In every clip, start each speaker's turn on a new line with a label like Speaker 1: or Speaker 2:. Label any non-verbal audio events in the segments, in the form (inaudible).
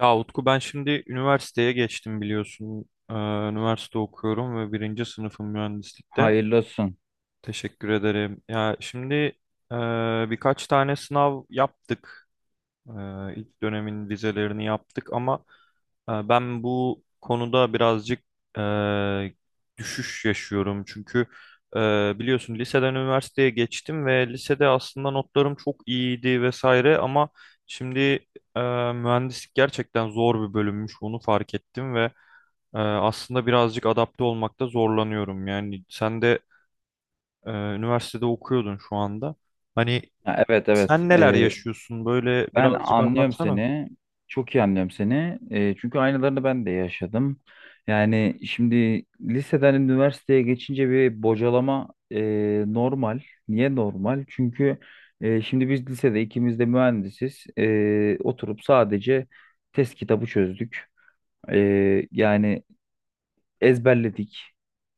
Speaker 1: Ya Utku, ben şimdi üniversiteye geçtim biliyorsun. Üniversite okuyorum ve birinci sınıfım mühendislikte.
Speaker 2: Hayırlı olsun.
Speaker 1: Teşekkür ederim. Ya şimdi e, birkaç tane sınav yaptık. İlk dönemin vizelerini yaptık ama ben bu konuda birazcık e, düşüş yaşıyorum. Çünkü e, biliyorsun liseden üniversiteye geçtim ve lisede aslında notlarım çok iyiydi vesaire ama şimdi e, mühendislik gerçekten zor bir bölümmüş, onu fark ettim ve aslında birazcık adapte olmakta zorlanıyorum. Yani sen de üniversitede okuyordun şu anda. Hani
Speaker 2: Evet evet.
Speaker 1: sen neler, evet, yaşıyorsun? Böyle
Speaker 2: Ben
Speaker 1: birazcık
Speaker 2: anlıyorum
Speaker 1: anlatsana.
Speaker 2: seni. Çok iyi anlıyorum seni. Çünkü aynılarını ben de yaşadım. Yani şimdi liseden üniversiteye geçince bir bocalama normal. Niye normal? Çünkü şimdi biz lisede ikimiz de mühendisiz. E, oturup sadece test kitabı çözdük. E, Yani ezberledik.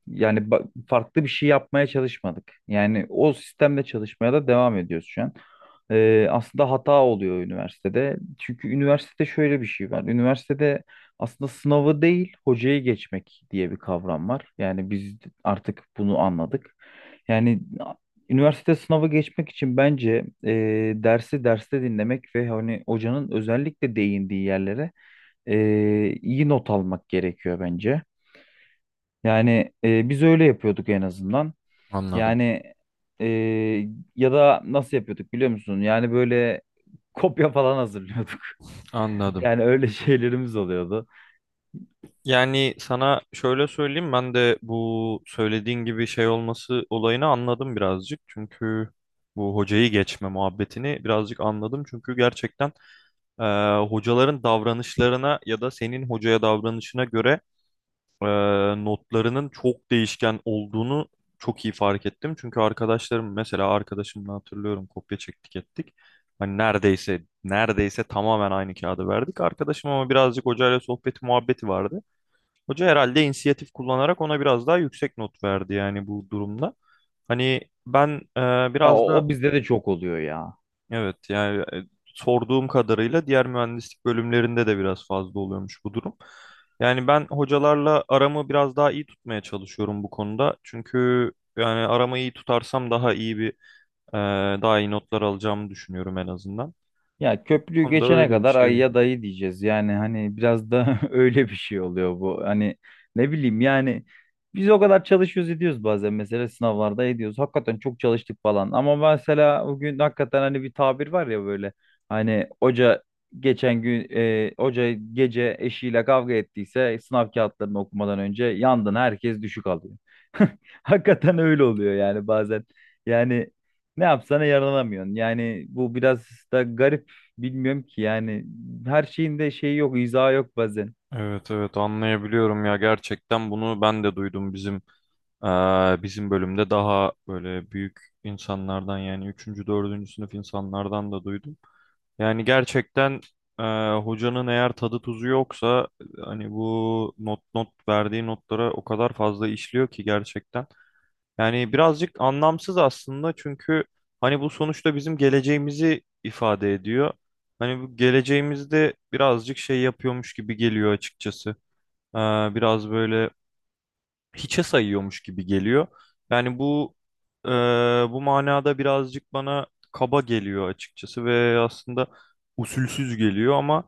Speaker 2: Yani farklı bir şey yapmaya çalışmadık. Yani o sistemle çalışmaya da devam ediyoruz şu an. Aslında hata oluyor üniversitede. Çünkü üniversitede şöyle bir şey var. Üniversitede aslında sınavı değil, hocayı geçmek diye bir kavram var. Yani biz artık bunu anladık. Yani üniversite sınavı geçmek için bence dersi derste dinlemek ve hani hocanın özellikle değindiği yerlere e, iyi not almak gerekiyor bence. Yani biz öyle yapıyorduk en azından.
Speaker 1: Anladım.
Speaker 2: Yani e, ya da nasıl yapıyorduk biliyor musun? Yani böyle kopya falan hazırlıyorduk. (laughs)
Speaker 1: Anladım.
Speaker 2: Yani öyle şeylerimiz oluyordu.
Speaker 1: Yani sana şöyle söyleyeyim, ben de bu söylediğin gibi şey olması olayını anladım birazcık. Çünkü bu hocayı geçme muhabbetini birazcık anladım. Çünkü gerçekten hocaların davranışlarına ya da senin hocaya davranışına göre e, notlarının çok değişken olduğunu çok iyi fark ettim. Çünkü arkadaşlarım mesela, arkadaşımla hatırlıyorum kopya çektik ettik. Hani neredeyse tamamen aynı kağıdı verdik. Arkadaşım ama birazcık hocayla sohbeti muhabbeti vardı. Hoca herhalde inisiyatif kullanarak ona biraz daha yüksek not verdi yani bu durumda. Hani ben
Speaker 2: Ya,
Speaker 1: biraz da
Speaker 2: o bizde de çok oluyor ya.
Speaker 1: evet, yani sorduğum kadarıyla diğer mühendislik bölümlerinde de biraz fazla oluyormuş bu durum. Yani ben hocalarla aramı biraz daha iyi tutmaya çalışıyorum bu konuda. Çünkü yani aramı iyi tutarsam daha iyi bir e, daha iyi notlar alacağımı düşünüyorum en azından.
Speaker 2: Ya
Speaker 1: Bu
Speaker 2: köprüyü
Speaker 1: konuda
Speaker 2: geçene
Speaker 1: öyle bir
Speaker 2: kadar
Speaker 1: şey var.
Speaker 2: ayıya dayı diyeceğiz. Yani hani biraz da (laughs) öyle bir şey oluyor bu. Hani ne bileyim yani biz o kadar çalışıyoruz ediyoruz bazen mesela sınavlarda ediyoruz. Hakikaten çok çalıştık falan. Ama mesela bugün hakikaten hani bir tabir var ya böyle. Hani hoca geçen gün hoca gece eşiyle kavga ettiyse sınav kağıtlarını okumadan önce yandın herkes düşük alıyor. (laughs) Hakikaten öyle oluyor yani bazen. Yani ne yapsana yaralanamıyorsun. Yani bu biraz da garip. Bilmiyorum ki yani her şeyin de şeyi yok, izahı yok bazen.
Speaker 1: Evet evet, anlayabiliyorum ya, gerçekten bunu ben de duydum bizim bizim bölümde daha böyle büyük insanlardan, yani üçüncü dördüncü sınıf insanlardan da duydum. Yani gerçekten e, hocanın eğer tadı tuzu yoksa hani bu not verdiği notlara o kadar fazla işliyor ki gerçekten. Yani birazcık anlamsız aslında, çünkü hani bu sonuçta bizim geleceğimizi ifade ediyor. Hani bu geleceğimizde birazcık şey yapıyormuş gibi geliyor açıkçası. E, Biraz böyle hiçe sayıyormuş gibi geliyor. Yani bu e, bu manada birazcık bana kaba geliyor açıkçası ve aslında usulsüz geliyor ama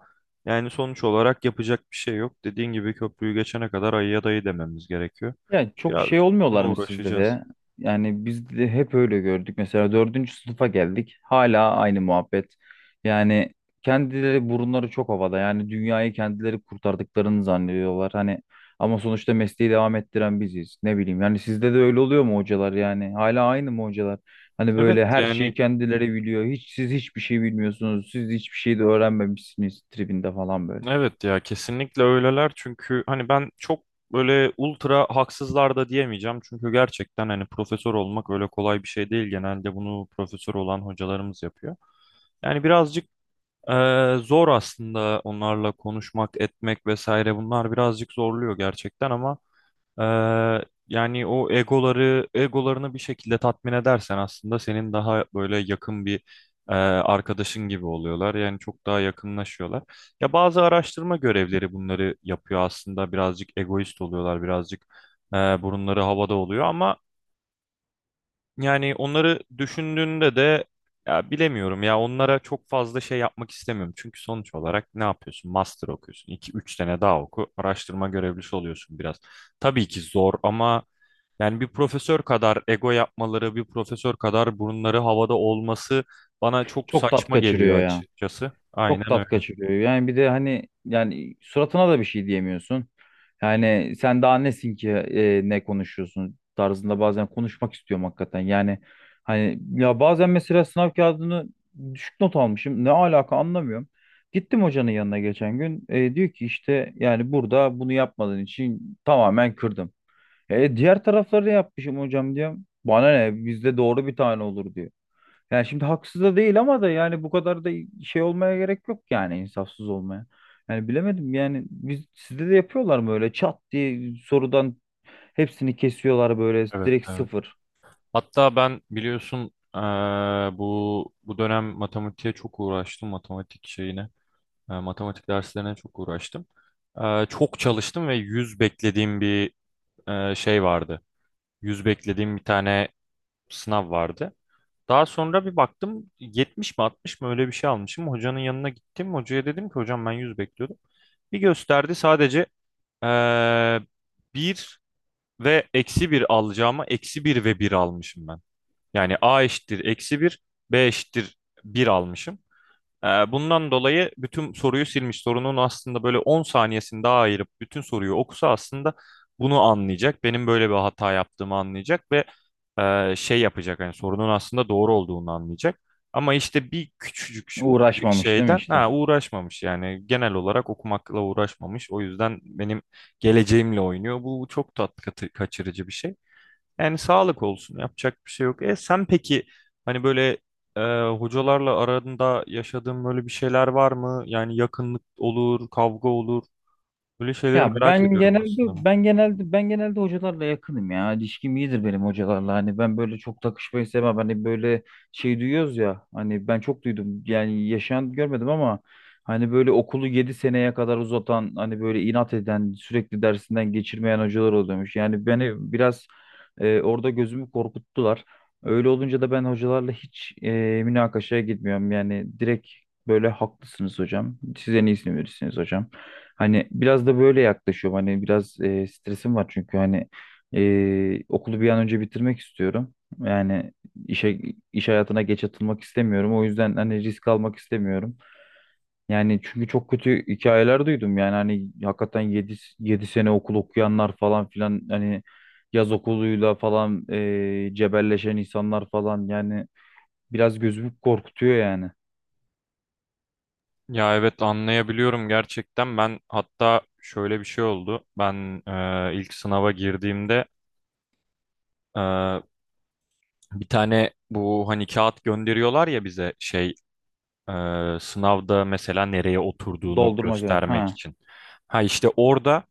Speaker 1: yani sonuç olarak yapacak bir şey yok. Dediğin gibi, köprüyü geçene kadar ayıya dayı dememiz gerekiyor.
Speaker 2: Yani çok şey
Speaker 1: Birazcık
Speaker 2: olmuyorlar
Speaker 1: bununla
Speaker 2: mı sizde
Speaker 1: uğraşacağız.
Speaker 2: de? Yani biz de hep öyle gördük. Mesela dördüncü sınıfa geldik. Hala aynı muhabbet. Yani kendileri burunları çok havada. Yani dünyayı kendileri kurtardıklarını zannediyorlar. Hani ama sonuçta mesleği devam ettiren biziz. Ne bileyim. Yani sizde de öyle oluyor mu hocalar yani? Hala aynı mı hocalar? Hani
Speaker 1: Evet
Speaker 2: böyle her şeyi
Speaker 1: yani
Speaker 2: kendileri biliyor. Hiç siz hiçbir şey bilmiyorsunuz. Siz hiçbir şey de öğrenmemişsiniz tribinde falan böyle.
Speaker 1: evet, ya kesinlikle öyleler çünkü hani ben çok böyle ultra haksızlar da diyemeyeceğim, çünkü gerçekten hani profesör olmak öyle kolay bir şey değil, genelde bunu profesör olan hocalarımız yapıyor. Yani birazcık zor aslında onlarla konuşmak etmek vesaire, bunlar birazcık zorluyor gerçekten ama yani o egolarını bir şekilde tatmin edersen aslında senin daha böyle yakın bir arkadaşın gibi oluyorlar. Yani çok daha yakınlaşıyorlar. Ya bazı araştırma görevleri bunları yapıyor aslında. Birazcık egoist oluyorlar, birazcık burunları havada oluyor ama yani onları düşündüğünde de ya bilemiyorum ya, onlara çok fazla şey yapmak istemiyorum. Çünkü sonuç olarak ne yapıyorsun? Master okuyorsun. 2 3 sene daha oku. Araştırma görevlisi oluyorsun biraz. Tabii ki zor ama yani bir profesör kadar ego yapmaları, bir profesör kadar burunları havada olması bana çok
Speaker 2: Çok tat
Speaker 1: saçma
Speaker 2: kaçırıyor
Speaker 1: geliyor
Speaker 2: ya.
Speaker 1: açıkçası.
Speaker 2: Çok
Speaker 1: Aynen
Speaker 2: tat
Speaker 1: öyle.
Speaker 2: kaçırıyor. Yani bir de hani yani suratına da bir şey diyemiyorsun. Yani sen daha nesin ki ne konuşuyorsun tarzında bazen konuşmak istiyorum hakikaten. Yani hani ya bazen mesela sınav kağıdını düşük not almışım. Ne alaka anlamıyorum. Gittim hocanın yanına geçen gün. E, diyor ki işte yani burada bunu yapmadığın için tamamen kırdım. E, diğer tarafları da yapmışım hocam diyorum. Bana ne bizde doğru bir tane olur diyor. Yani şimdi haksız da değil ama da yani bu kadar da şey olmaya gerek yok yani insafsız olmaya. Yani bilemedim yani biz sizde de yapıyorlar mı öyle çat diye sorudan hepsini kesiyorlar böyle
Speaker 1: Evet,
Speaker 2: direkt
Speaker 1: evet.
Speaker 2: sıfır.
Speaker 1: Hatta ben biliyorsun bu bu dönem matematiğe çok uğraştım, matematik şeyine. Matematik derslerine çok uğraştım. Çok çalıştım ve 100 beklediğim bir şey vardı. 100 beklediğim bir tane sınav vardı. Daha sonra bir baktım 70 mi 60 mı, öyle bir şey almışım. Hocanın yanına gittim. Hocaya dedim ki hocam, ben 100 bekliyordum. Bir gösterdi sadece eee 1 ve -1 alacağıma -1 ve 1 almışım ben. Yani A eşittir -1, B eşittir 1 almışım. Bundan dolayı bütün soruyu silmiş. Sorunun aslında böyle 10 saniyesini daha ayırıp bütün soruyu okusa aslında bunu anlayacak. Benim böyle bir hata yaptığımı anlayacak ve şey yapacak, hani sorunun aslında doğru olduğunu anlayacak. Ama işte bir küçücük, ufacık
Speaker 2: Uğraşmamış değil mi
Speaker 1: şeyden
Speaker 2: işte?
Speaker 1: uğraşmamış, yani genel olarak okumakla uğraşmamış. O yüzden benim geleceğimle oynuyor. Bu çok tat kaçırıcı bir şey. Yani sağlık olsun, yapacak bir şey yok. E sen peki, hani böyle e, hocalarla aranda yaşadığın böyle bir şeyler var mı? Yani yakınlık olur, kavga olur. Böyle şeyleri
Speaker 2: Ya
Speaker 1: merak ediyorum aslında.
Speaker 2: ben genelde hocalarla yakınım ya. İlişkim iyidir benim hocalarla. Hani ben böyle çok takışmayı sevmem. Hani böyle şey duyuyoruz ya. Hani ben çok duydum. Yani yaşayan görmedim ama hani böyle okulu 7 seneye kadar uzatan, hani böyle inat eden, sürekli dersinden geçirmeyen hocalar oluyormuş. Yani beni biraz orada gözümü korkuttular. Öyle olunca da ben hocalarla hiç münakaşaya gitmiyorum. Yani direkt böyle haklısınız hocam. Siz en iyisini verirsiniz hocam. Hani biraz da böyle yaklaşıyorum. Hani biraz stresim var çünkü hani okulu bir an önce bitirmek istiyorum. Yani işe iş hayatına geç atılmak istemiyorum. O yüzden hani risk almak istemiyorum. Yani çünkü çok kötü hikayeler duydum. Yani hani hakikaten yedi sene okul okuyanlar falan filan hani yaz okuluyla falan cebelleşen insanlar falan yani biraz gözümü korkutuyor yani.
Speaker 1: Ya evet, anlayabiliyorum gerçekten. Ben hatta şöyle bir şey oldu. Ben ilk sınava girdiğimde e, bir tane bu hani kağıt gönderiyorlar ya bize, şey e, sınavda mesela nereye oturduğunu
Speaker 2: Doldurmak ya.
Speaker 1: göstermek
Speaker 2: Ha,
Speaker 1: için. Ha işte orada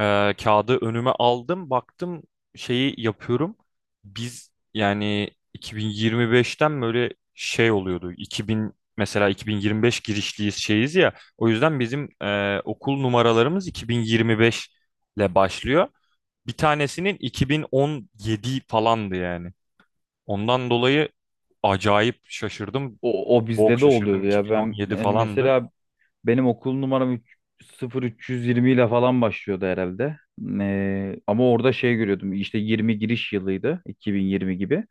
Speaker 1: Kağıdı önüme aldım, baktım şeyi yapıyorum. Biz yani 2025'ten böyle şey oluyordu. 2000, mesela 2025 girişliyiz şeyiz ya. O yüzden bizim okul numaralarımız 2025 ile başlıyor. Bir tanesinin 2017 falandı yani. Ondan dolayı acayip şaşırdım.
Speaker 2: O, o
Speaker 1: Çok
Speaker 2: bizde de
Speaker 1: şaşırdım.
Speaker 2: oluyordu ya. Ben
Speaker 1: 2017
Speaker 2: yani
Speaker 1: falandı.
Speaker 2: mesela benim okul numaram 3, 0320 ile falan başlıyordu herhalde. Ama orada şey görüyordum. İşte 20 giriş yılıydı. 2020 gibi.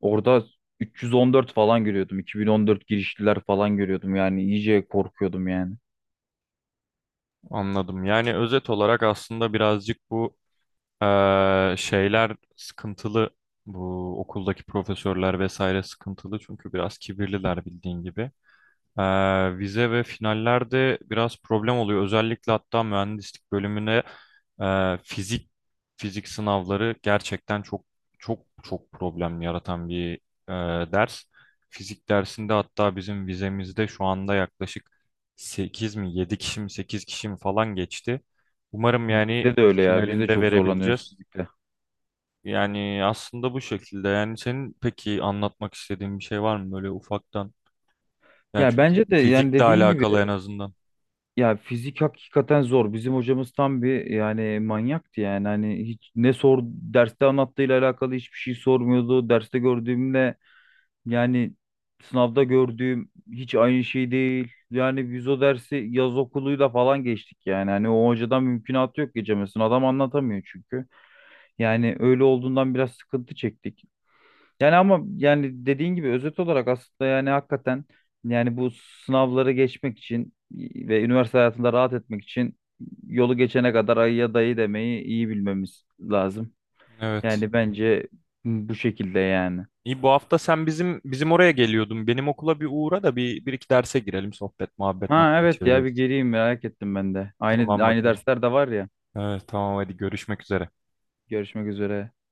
Speaker 2: Orada 314 falan görüyordum. 2014 girişliler falan görüyordum. Yani iyice korkuyordum yani.
Speaker 1: Anladım. Yani özet olarak aslında birazcık bu şeyler sıkıntılı. Bu okuldaki profesörler vesaire sıkıntılı, çünkü biraz kibirliler bildiğin gibi. Vize ve finallerde biraz problem oluyor. Özellikle hatta mühendislik bölümüne e, fizik fizik sınavları gerçekten çok çok çok problem yaratan bir e, ders. Fizik dersinde hatta bizim vizemizde şu anda yaklaşık 8 mi, 7 kişi mi, 8 kişi mi falan geçti. Umarım yani
Speaker 2: Bizde de öyle ya. Biz de
Speaker 1: finalinde
Speaker 2: çok zorlanıyoruz
Speaker 1: verebileceğiz.
Speaker 2: sizlikle.
Speaker 1: Yani aslında bu şekilde. Yani senin peki anlatmak istediğin bir şey var mı böyle ufaktan? Yani
Speaker 2: Ya bence
Speaker 1: çünkü
Speaker 2: de yani
Speaker 1: fizikle
Speaker 2: dediğin gibi
Speaker 1: alakalı en azından.
Speaker 2: ya fizik hakikaten zor. Bizim hocamız tam bir yani manyaktı yani. Hani hiç ne sor derste anlattığıyla alakalı hiçbir şey sormuyordu. Derste gördüğümle yani sınavda gördüğüm hiç aynı şey değil. Yani biz o dersi yaz okuluyla falan geçtik yani. Hani o hocadan mümkünatı yok geçemezsin. Adam anlatamıyor çünkü. Yani öyle olduğundan biraz sıkıntı çektik. Yani ama yani dediğin gibi özet olarak aslında yani hakikaten yani bu sınavları geçmek için ve üniversite hayatında rahat etmek için yolu geçene kadar ayıya dayı demeyi iyi bilmemiz lazım.
Speaker 1: Evet.
Speaker 2: Yani bence bu şekilde yani.
Speaker 1: İyi, bu hafta sen bizim oraya geliyordun. Benim okula bir uğra da bir, bir iki derse girelim. Sohbet, muhabbet,
Speaker 2: Ha
Speaker 1: makara
Speaker 2: evet ya bir
Speaker 1: çeviririz.
Speaker 2: geleyim merak ettim ben de.
Speaker 1: Tamam
Speaker 2: Aynı
Speaker 1: bakalım.
Speaker 2: dersler de var ya.
Speaker 1: Evet tamam, hadi görüşmek üzere.
Speaker 2: Görüşmek üzere.